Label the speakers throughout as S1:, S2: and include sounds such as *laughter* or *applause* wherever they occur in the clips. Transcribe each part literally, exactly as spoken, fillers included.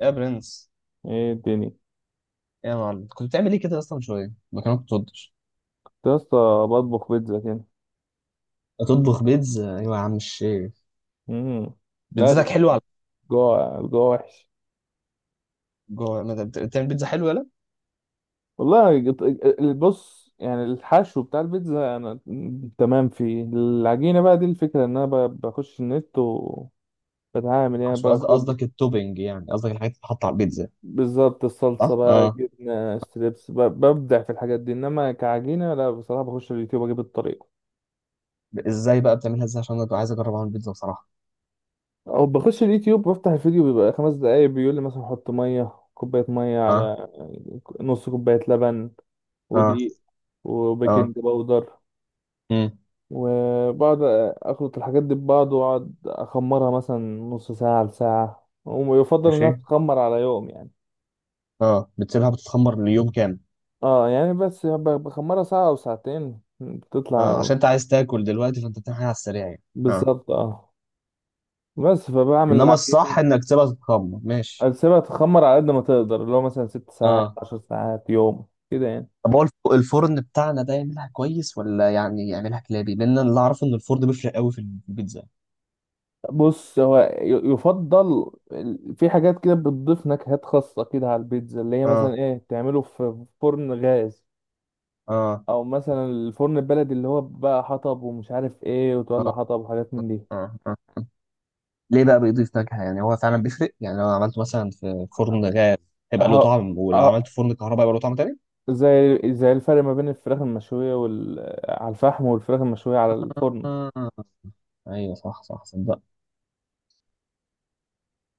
S1: يا برنس،
S2: ايه الدنيا كنت؟
S1: يا معلم، كنت بتعمل ايه كده اصلا؟ من شويه ما كانت بتطبخ.
S2: يا اسطى، بطبخ بيتزا كده.
S1: تطبخ بيتزا؟ ايوه يا عم الشيخ.
S2: امم. لازم.
S1: بيتزتك حلوه على
S2: الجوع الجوع وحش.
S1: جوه. ما أنت بت- بتعمل بيتزا حلوه. يلا.
S2: والله جت- بص، يعني الحشو بتاع البيتزا انا تمام فيه. العجينه بقى، دي الفكره، ان انا ب- بخش النت وبتعامل، يعني
S1: عشان قصد-
S2: باخد
S1: قصدك التوبينج، يعني قصدك الحاجات اللي بتتحط على البيتزا،
S2: بالظبط الصلصه
S1: صح؟
S2: بقى،
S1: اه.
S2: جبنه، ستريبس، ب- ببدع في الحاجات دي، انما كعجينه لا بصراحه، بخش اليوتيوب اجيب الطريقه.
S1: ب- ازاي بقى بتعملها؟ ازاي؟ عشان انا ببقى عايز اجرب اعمل بيتزا بصراحه.
S2: او بخش اليوتيوب، بفتح الفيديو بيبقى خمس دقايق، بيقول لي مثلا حط ميه كوبايه، ميه
S1: اه
S2: على نص كوبايه لبن
S1: اه
S2: ودقيق
S1: اه.
S2: وبيكنج باودر،
S1: امم
S2: وبقعد اخلط الحاجات دي ببعض، واقعد اخمرها مثلا نص ساعة لساعة، ويفضل
S1: ماشي.
S2: انها تتخمر على يوم يعني.
S1: اه، بتسيبها بتتخمر ليوم كامل؟
S2: اه يعني بس ب- بخمرها ساعة او ساعتين
S1: اه،
S2: بتطلع.
S1: عشان انت عايز تاكل دلوقتي فانت بتعمل حاجه على السريع يعني. اه.
S2: بالظبط اه. بس فبعمل
S1: انما
S2: العجينة،
S1: الصح انك تسيبها تتخمر. ماشي.
S2: اسيبها تخمر على قد ما تقدر، اللي هو مثلا ست ساعات،
S1: اه.
S2: عشر ساعات، يوم كده يعني.
S1: طب هو الف- الفرن بتاعنا ده يعملها كويس ولا يعني يعملها كلابي؟ لان انا اللي اعرفه ان الفرن بيفرق قوي في البيتزا.
S2: بص، هو ي- يفضل ال- في حاجات كده بتضيف نكهات خاصة كده على البيتزا، اللي هي مثلا
S1: اه
S2: ايه، تعمله في فرن غاز
S1: اه
S2: او مثلا الفرن البلدي، اللي هو بقى حطب ومش عارف ايه، وتولع
S1: اه
S2: حطب وحاجات من دي.
S1: اه اه. ليه بقى بيضيف نكهة؟ يعني هو فعلا بيفرق؟ يعني لو عملته مثلا في فرن غاز هيبقى له
S2: اهو.
S1: طعم، ولو
S2: اهو.
S1: عملته في فرن كهرباء هيبقى له طعم تاني.
S2: زي زي الفرق ما بين الفراخ المشوية وال... على الفحم، والفراخ المشوية على الفرن.
S1: آه. ايوه، صح صح، صدق.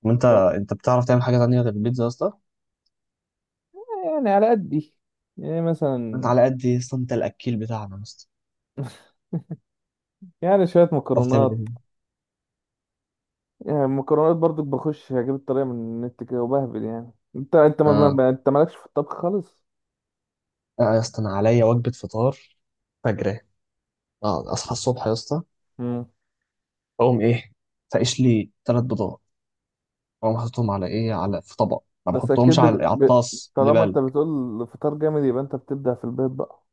S1: وانت
S2: ف-
S1: انت بتعرف تعمل حاجة تانية غير البيتزا يا اسطى؟
S2: يعني على قدي، يعني
S1: انت
S2: مثلا
S1: على قد يا اسطى، انت الاكيل بتاعنا يا اسطى.
S2: *laughs* يعني شوية
S1: بتعرف تعمل
S2: مكرونات.
S1: ايه؟
S2: يعني المكرونات برضو، بخش اجيب الطريقة من النت كده وبهبل. يعني انت انت ما ما-
S1: اه.
S2: ما- انت مالكش في الطبخ خالص.
S1: آه يا اسطى، انا عليا وجبة فطار فجرة. اه، اصحى الصبح يا اسطى،
S2: مم.
S1: اقوم ايه؟ فاقش لي ثلاث بيضات، اقوم حاططهم على ايه؟ على، في طبق، ما
S2: بس
S1: بحطهمش
S2: اكيد بت...
S1: على على
S2: ب...
S1: الطاس اللي
S2: طالما انت
S1: بالك.
S2: بتقول الفطار جامد يبقى انت بتبدع في البيت بقى.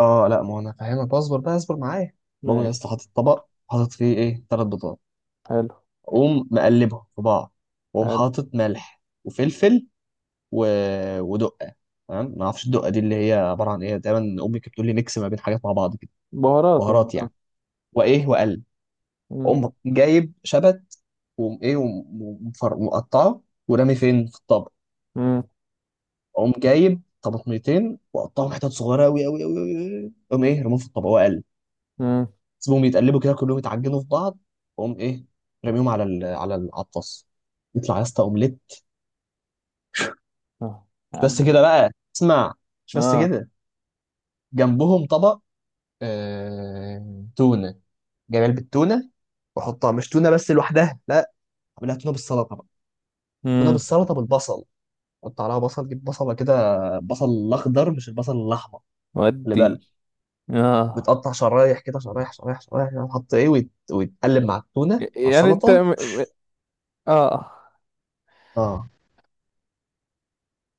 S1: اه لا، ما هو انا فاهمك، اصبر بقى، اصبر معايا. بقوم يا اسطى
S2: ماشي.
S1: حاطط طبق، حاطط فيه ايه، ثلاث بيضات.
S2: حلو.
S1: اقوم مقلبهم في بعض، واقوم
S2: حلو.
S1: حاطط ملح وفلفل و... ودقه. تمام، ما اعرفش الدقه دي اللي هي عباره عن ايه دايما. امي كانت بتقول لي ميكس ما بين حاجات مع بعض كده.
S2: بهارات يعني
S1: بهارات
S2: آه.
S1: يعني. وايه، واقلب.
S2: مم.
S1: اقوم جايب شبت، واقوم ايه وم- ومفر- ومقطعه ورامي فين في الطبق.
S2: مم.
S1: اقوم جايب طماطميتين واقطعهم حتت صغيره قوي قوي قوي، اقوم ايه، رميهم في الطبق، اقلب.
S2: مم.
S1: سيبهم يتقلبوا كده كلهم يتعجنوا في بعض. اقوم ايه، رميهم على ال... على ال- على الطاس. يطلع يا اسطى اومليت.
S2: اه. يا
S1: مش بس
S2: عبد-
S1: كده بقى، اسمع، مش بس
S2: اه.
S1: كده. جنبهم طبق، آه... تونه، جايب علبه تونه واحطها، مش تونه بس لوحدها لا، اعملها تونه بالسلطه بقى. تونه
S2: مم.
S1: بالسلطه بالبصل، حط عليها بصل، جيب بصله كده، بصل الاخضر مش البصل الاحمر، خلي بالك.
S2: ودي. اه.
S1: بتقطع شرايح كده، شرايح شرايح شرايح، وتحط ايه ويت... ويتقلب مع التونه مع
S2: يعني انت
S1: السلطه.
S2: م... م- اه
S1: اه.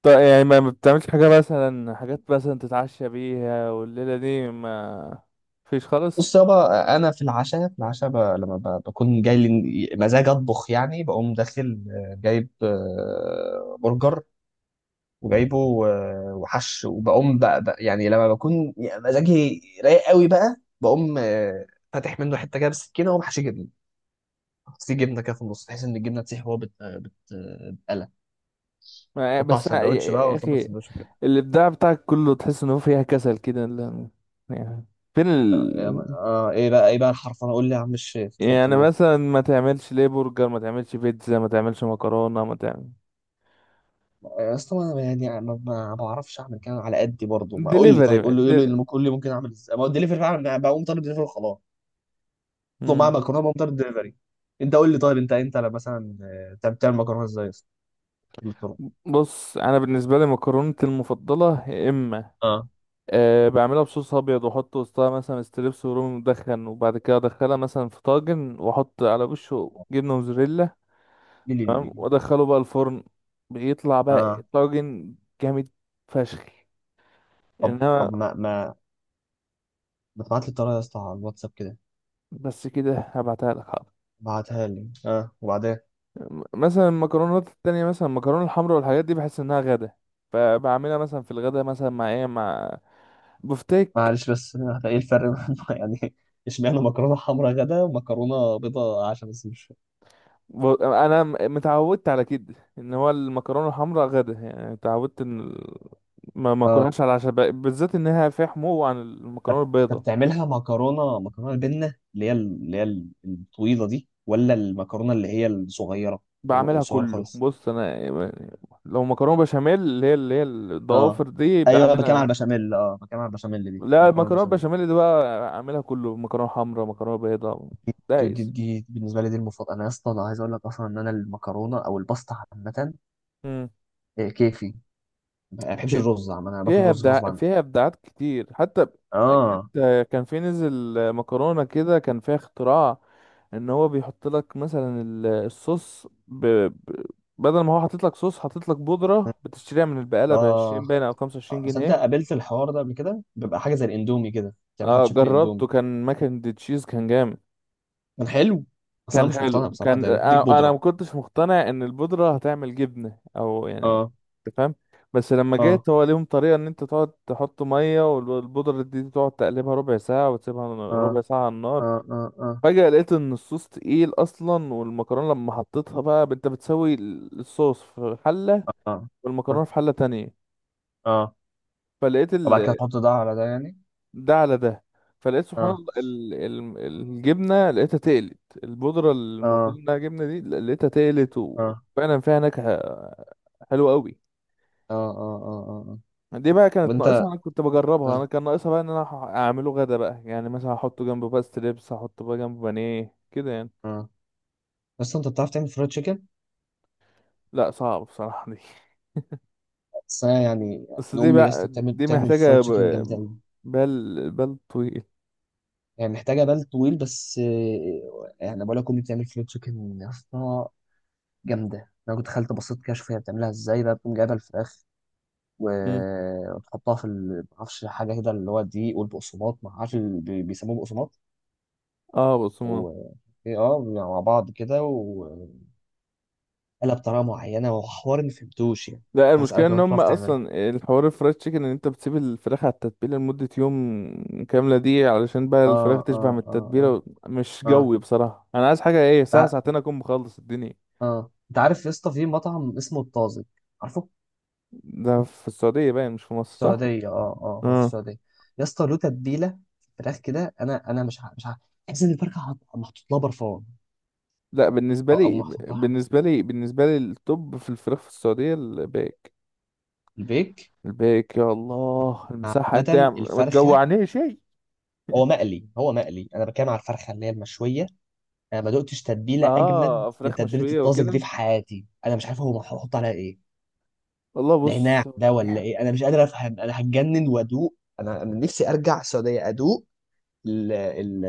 S2: طيب. يعني ما ما بتعملش حاجة، مثلا حاجات مثلا تتعشى بيها، والليلة دي ما فيش خالص.
S1: بص يابا، انا في العشاء، في العشاء ب... لما ب... بكون جاي لي مزاج اطبخ يعني، بقوم داخل آه، جايب آه، برجر
S2: مم.
S1: وجايبه و- وحش، وبقوم بقى بقى يعني لما بكون مزاجي رايق قوي بقى، بقوم آه، فاتح منه حته كده بالسكينه، واقوم حاشي جبنه، حط فيه جبنه كده في النص بحيث ان الجبنه تسيح وهو بت... بت... بتقلى.
S2: ما
S1: حطه على
S2: بس أنا- يا
S1: السندوتش بقى،
S2: يا
S1: واظبط
S2: اخي،
S1: السندوتش كده.
S2: الابداع بتاعك كله تحس ان هو فيها كسل كده لا- يعني. فين ال...
S1: آه ايه بقى، ايه بقى الحرف؟ انا اقول لي يا عم الشيخ، اتفضل
S2: يعني
S1: قول.
S2: مثلا ما تعملش ليه برجر؟ ما تعملش بيتزا؟ ما تعملش مكرونة؟ ما تعمل
S1: يا اسطى، انا يعني ما, ما بعرفش اعمل كده، على قدي برضه. ما اقول لي
S2: دليفري؟
S1: طيب، قول له قول له اللي ممكن، قول لي ممكن اعمل ازاي؟ ما هو الدليفري فعلا، بقوم طالب دليفري وخلاص. اطلب معاه
S2: مم.
S1: مكرونه، بقوم طالب دليفري. انت قول لي طيب، انت انت لا، مثلا آه، بتعمل بتعمل مكرونه ازاي يا اسطى؟ قول لي الطرق.
S2: بص انا بالنسبه لي مكرونتي المفضله، يا اما
S1: اه.
S2: أه بعملها بصوص ابيض واحط وسطها مثلا ستريبس ورومي مدخن، وبعد كده ادخلها مثلا في طاجن واحط على وشه جبنه موزاريلا.
S1: لي لي لي لي
S2: تمام،
S1: لي.
S2: وادخله بقى الفرن. بيطلع بقى
S1: اه.
S2: طاجن جامد فشخ.
S1: طب
S2: انما
S1: طب ما ما ما تبعت لي الطريقه يا اسطى على الواتساب كده.
S2: بس كده، هبعتها لك حاضر.
S1: ابعتها لي، اه وبعدين.
S2: م- مثلا المكرونات التانية، مثلا المكرونه الحمراء والحاجات دي بحس انها غدا، فبعملها مثلا في الغدا مثلا مع ايه، مع بفتيك.
S1: معلش بس، *laughs* آه، ايه الفرق *laughs* يعني؟ اشمعنى مكرونه حمراء غدا ومكرونه بيضاء عشان بس مش.
S2: ب- انا م- متعودت على كده ان هو المكرونه الحمراء غدا يعني، اتعودت ان ال- ما ما
S1: اه.
S2: اكلهاش على العشاء ب- بالذات انها فيها حمو عن المكرونه
S1: طب
S2: البيضاء.
S1: تعملها مكرونه، مكرونه البنه اللي هي اللي هي الطويله دي، ولا المكرونه اللي هي الصغيره، الر-
S2: بعملها
S1: صغيره
S2: كله،
S1: خالص؟
S2: بص انا يعني لو مكرونه بشاميل، اللي هي اللي هي
S1: اه.
S2: الضوافر دي،
S1: ايوه. بكام على
S2: بعملها.
S1: البشاميل؟ اه، بكام على البشاميل دي،
S2: لا
S1: مكرونه
S2: المكرونه
S1: البشاميل.
S2: بشاميل دي بقى، اعملها كله، مكرونه حمراء، مكرونه بيضاء،
S1: دي, دي,
S2: دايس.
S1: دي بالنسبه لي دي المفضله. انا يا اسطى، انا عايز اقول لك اصلا ان انا المكرونه او الباستا عامه،
S2: امم.
S1: إيه، كيفي. ما بحبش الرز عامه، انا باكل
S2: فيها
S1: الرز
S2: ابداع،
S1: غصب عني.
S2: فيها ابداعات كتير حتى. جت.
S1: اه
S2: كان في نزل مكرونه كده كان فيها اختراع، ان هو بيحط لك مثلا ال- الصوص ب... ب... بدل ما هو حاطط لك صوص، حاطط لك بودره بتشتريها من البقاله ب
S1: اه.
S2: عشرين باين او 25
S1: صدق،
S2: جنيه
S1: قابلت الحوار ده قبل كده، بيبقى حاجه زي الاندومي كده، بتعملها
S2: اه
S1: بشكل اندومي.
S2: جربته، كان ماكن دي تشيز، كان جامد.
S1: كان حلو بس انا
S2: كان
S1: مش
S2: حلو.
S1: مقتنع بصراحه،
S2: كان
S1: ده بيديك
S2: آه، انا ما
S1: بودره.
S2: كنتش مقتنع ان البودره هتعمل جبنه او يعني،
S1: اه
S2: انت فاهم؟ بس لما
S1: اه
S2: جيت، هو ليهم طريقه ان انت تقعد تحط ميه والبودره دي تقعد تقلبها ربع ساعه، وتسيبها ربع
S1: اه
S2: ساعه على النار.
S1: اه اه اه
S2: فجاه لقيت ان الصوص تقيل اصلا، والمكرونه لما حطيتها بقى، انت بتسوي الصوص في حله
S1: اه اه
S2: والمكرونه في حله تانية.
S1: اه.
S2: فلقيت
S1: وبعد كده
S2: ال-
S1: تحط ده على ده يعني.
S2: ده على ده. فلقيت سبحان
S1: اه
S2: الله ال... ال... الجبنه لقيتها تقلت. البودره اللي المفروض
S1: اه
S2: انها جبنه دي لقيتها تقلت،
S1: اه
S2: وفعلا فيها نكهه حلوه قوي.
S1: اه اه اه اه اه.
S2: دي بقى
S1: طب
S2: كانت ناقصها،
S1: انت،
S2: انا كنت بجربها، انا
S1: اه
S2: كان ناقصها بقى ان انا هح- اعمله غدا بقى، يعني مثلا احطه جنبه بقى ستريبس، احطه بقى جنبه بانيه كده يعني.
S1: اه، بس انت بتعرف تعمل فرايد تشيكن؟
S2: لا، صعب بصراحه دي.
S1: بس انا يعني.
S2: *laughs* بس
S1: أنا
S2: دي
S1: امي يا اسطى
S2: بقى
S1: بتعمل،
S2: دي
S1: بتعمل فرايد
S2: محتاجه ب...
S1: تشيكن جامده قوي.
S2: بال بال طويل.
S1: يعني محتاجه بال طويل بس، آه، يعني بقول لك امي بتعمل فرايد تشيكن يا اسطى جامده. انا كنت دخلت بصيت كده اشوف هي بتعملها ازاي بقى، بتقوم جايبه الفراخ
S2: مم.
S1: و- وتحطها في ال- معرفش حاجه كده اللي هو الدقيق والبقسماط، ما عارف اللي بي- بيسموه بقسماط،
S2: اه بص،
S1: و إيه، اه، مع بعض كده وقلب بطريقه معينه وحوار ما فهمتوش يعني.
S2: لا،
S1: كنت
S2: المشكلة
S1: هسألك لو
S2: ان
S1: انت
S2: هم
S1: بتعرف تعمله.
S2: اصلا الحوار الفرايد تشيكن، ان انت بتسيب الفراخ على التتبيلة لمدة يوم كاملة، دي علشان بقى
S1: اه
S2: الفراخ تشبع
S1: اه
S2: من
S1: اه
S2: التتبيلة،
S1: اه
S2: و- مش
S1: اه.
S2: جوي بصراحة، انا عايز حاجة ايه ساعة
S1: تع...
S2: ساعتين اكون مخلص الدنيا.
S1: اه، انت عارف يا اسطى في مطعم اسمه الطازج؟ عارفه في
S2: ده في السعودية باين، مش في مصر صح؟
S1: السعوديه. اه اه، هو في
S2: اه.
S1: السعوديه. يا اسطى له تتبيله، فراخ كده، انا انا مش ع- مش عارف، تحس ان الفرخه حط- محطوط لها برفان،
S2: لا، بالنسبة
S1: او او
S2: لي
S1: محطوط لها حاجة.
S2: بالنسبة لي بالنسبة لي التوب في الفراخ في السعودية الباك.
S1: البيك.
S2: الباك، يا الله المساحة، انت يا
S1: عامه
S2: عم ما
S1: الفرخه،
S2: تجوعنيش شيء. *laughs*
S1: هو مقلي هو مقلي، انا بتكلم على الفرخه اللي هي المشويه. انا ما دقتش تتبيله اجمد
S2: اه،
S1: من
S2: فراخ
S1: تتبيله
S2: مشوية
S1: الطازج دي
S2: وكده.
S1: في حياتي. انا مش عارف هو هحط عليها ايه،
S2: والله
S1: نعناع
S2: بص،
S1: ده ولا ايه؟ انا مش قادر افهم، انا هتجنن وادوق. انا أنا نفسي ارجع السعوديه ادوق ال ال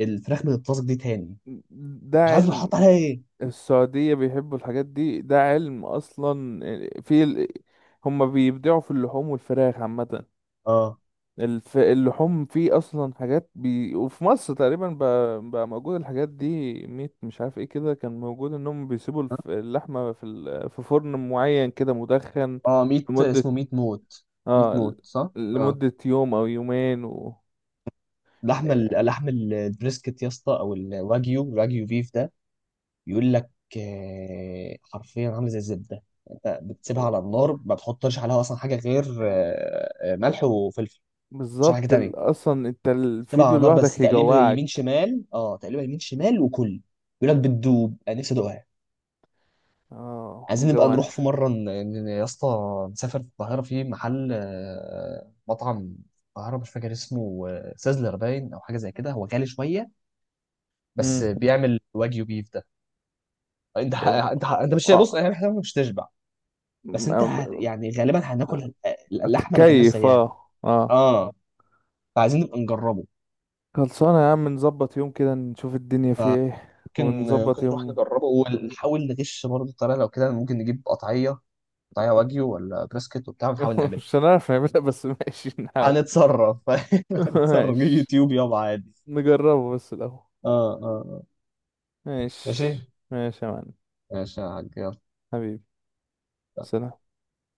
S1: الفراخ من الطازج دي تاني.
S2: ده
S1: مش عارف
S2: علم.
S1: هحط عليها ايه.
S2: السعودية بيحبوا الحاجات دي، ده علم أصلا. في ال... هما بيبدعوا في اللحوم والفراخ عامة.
S1: اه
S2: الف... اللحوم فيه أصلا حاجات بي... وفي مصر تقريبا بقى, بقى موجود الحاجات دي، ميت مش عارف ايه كده كان موجود، إنهم بيسيبوا الف... اللحمة في ال... في فرن معين كده مدخن
S1: اه. ميت،
S2: لمدة،
S1: اسمه ميت موت. ميت
S2: اه
S1: موت،
S2: ل-
S1: صح. اه.
S2: لمدة يوم أو يومين و...
S1: اللحمه اللحم البريسكت يا اسطى، او الواجيو، الواجيو بيف ده، بيقول لك، آه، حرفيا عامله زي الزبده. انت بتسيبها على النار، ما بتحطش عليها اصلا حاجه غير آه، آه، ملح وفلفل، مش حاجه
S2: بالظبط ال...
S1: تانية.
S2: أصلا انت
S1: تسيبها على
S2: الفيديو
S1: النار بس،
S2: لوحدك
S1: تقليبها يمين
S2: يجوعك.
S1: شمال، اه تقليبها يمين شمال وكل. بيقول لك بتدوب، انا نفسي ادوقها.
S2: اه
S1: عايزين نبقى
S2: مجوعني.
S1: نروح في مره ن- ن- يا اسطى، نسافر في القاهره في محل، آه، مطعم في القاهره، مش فاكر اسمه، آه، سازلر باين، او حاجه زي كده. هو غالي شويه بس بيعمل واجيو بيف ده. انت ح-
S2: طب
S1: انت ح- انت مش، بص
S2: اه
S1: يعني، احنا مش تشبع. بس انت
S2: م-
S1: هت، يعني غالبا
S2: م-
S1: هناكل اللحمه، ما كلناش
S2: اتكيف،
S1: زيها.
S2: اه اه.
S1: اه. فعايزين نبقى نجربه.
S2: خلصانة يا عم، نظبط يوم كده نشوف الدنيا في
S1: فممكن،
S2: ايه،
S1: ممكن
S2: ونظبط
S1: نروح
S2: يوم.
S1: نجربه ونحاول نغش برضه الطريقه، لو كده ممكن نجيب قطعيه قطعيه واجيو ولا بريسكت وبتاع، ونحاول
S2: *laughs*
S1: نعملها.
S2: مش هنعرف نعملها بس، ماشي نحاول.
S1: هنتصرف، *laughs*
S2: *laughs*
S1: هنتصرف
S2: ماشي،
S1: يوتيوب يابا عادي.
S2: نجربه بس الأول.
S1: اه اه آه. ماشي،
S2: ماشي، ماشي يا معلم.
S1: ماشي يا حاج، يلا.
S2: حبيبي، سلام.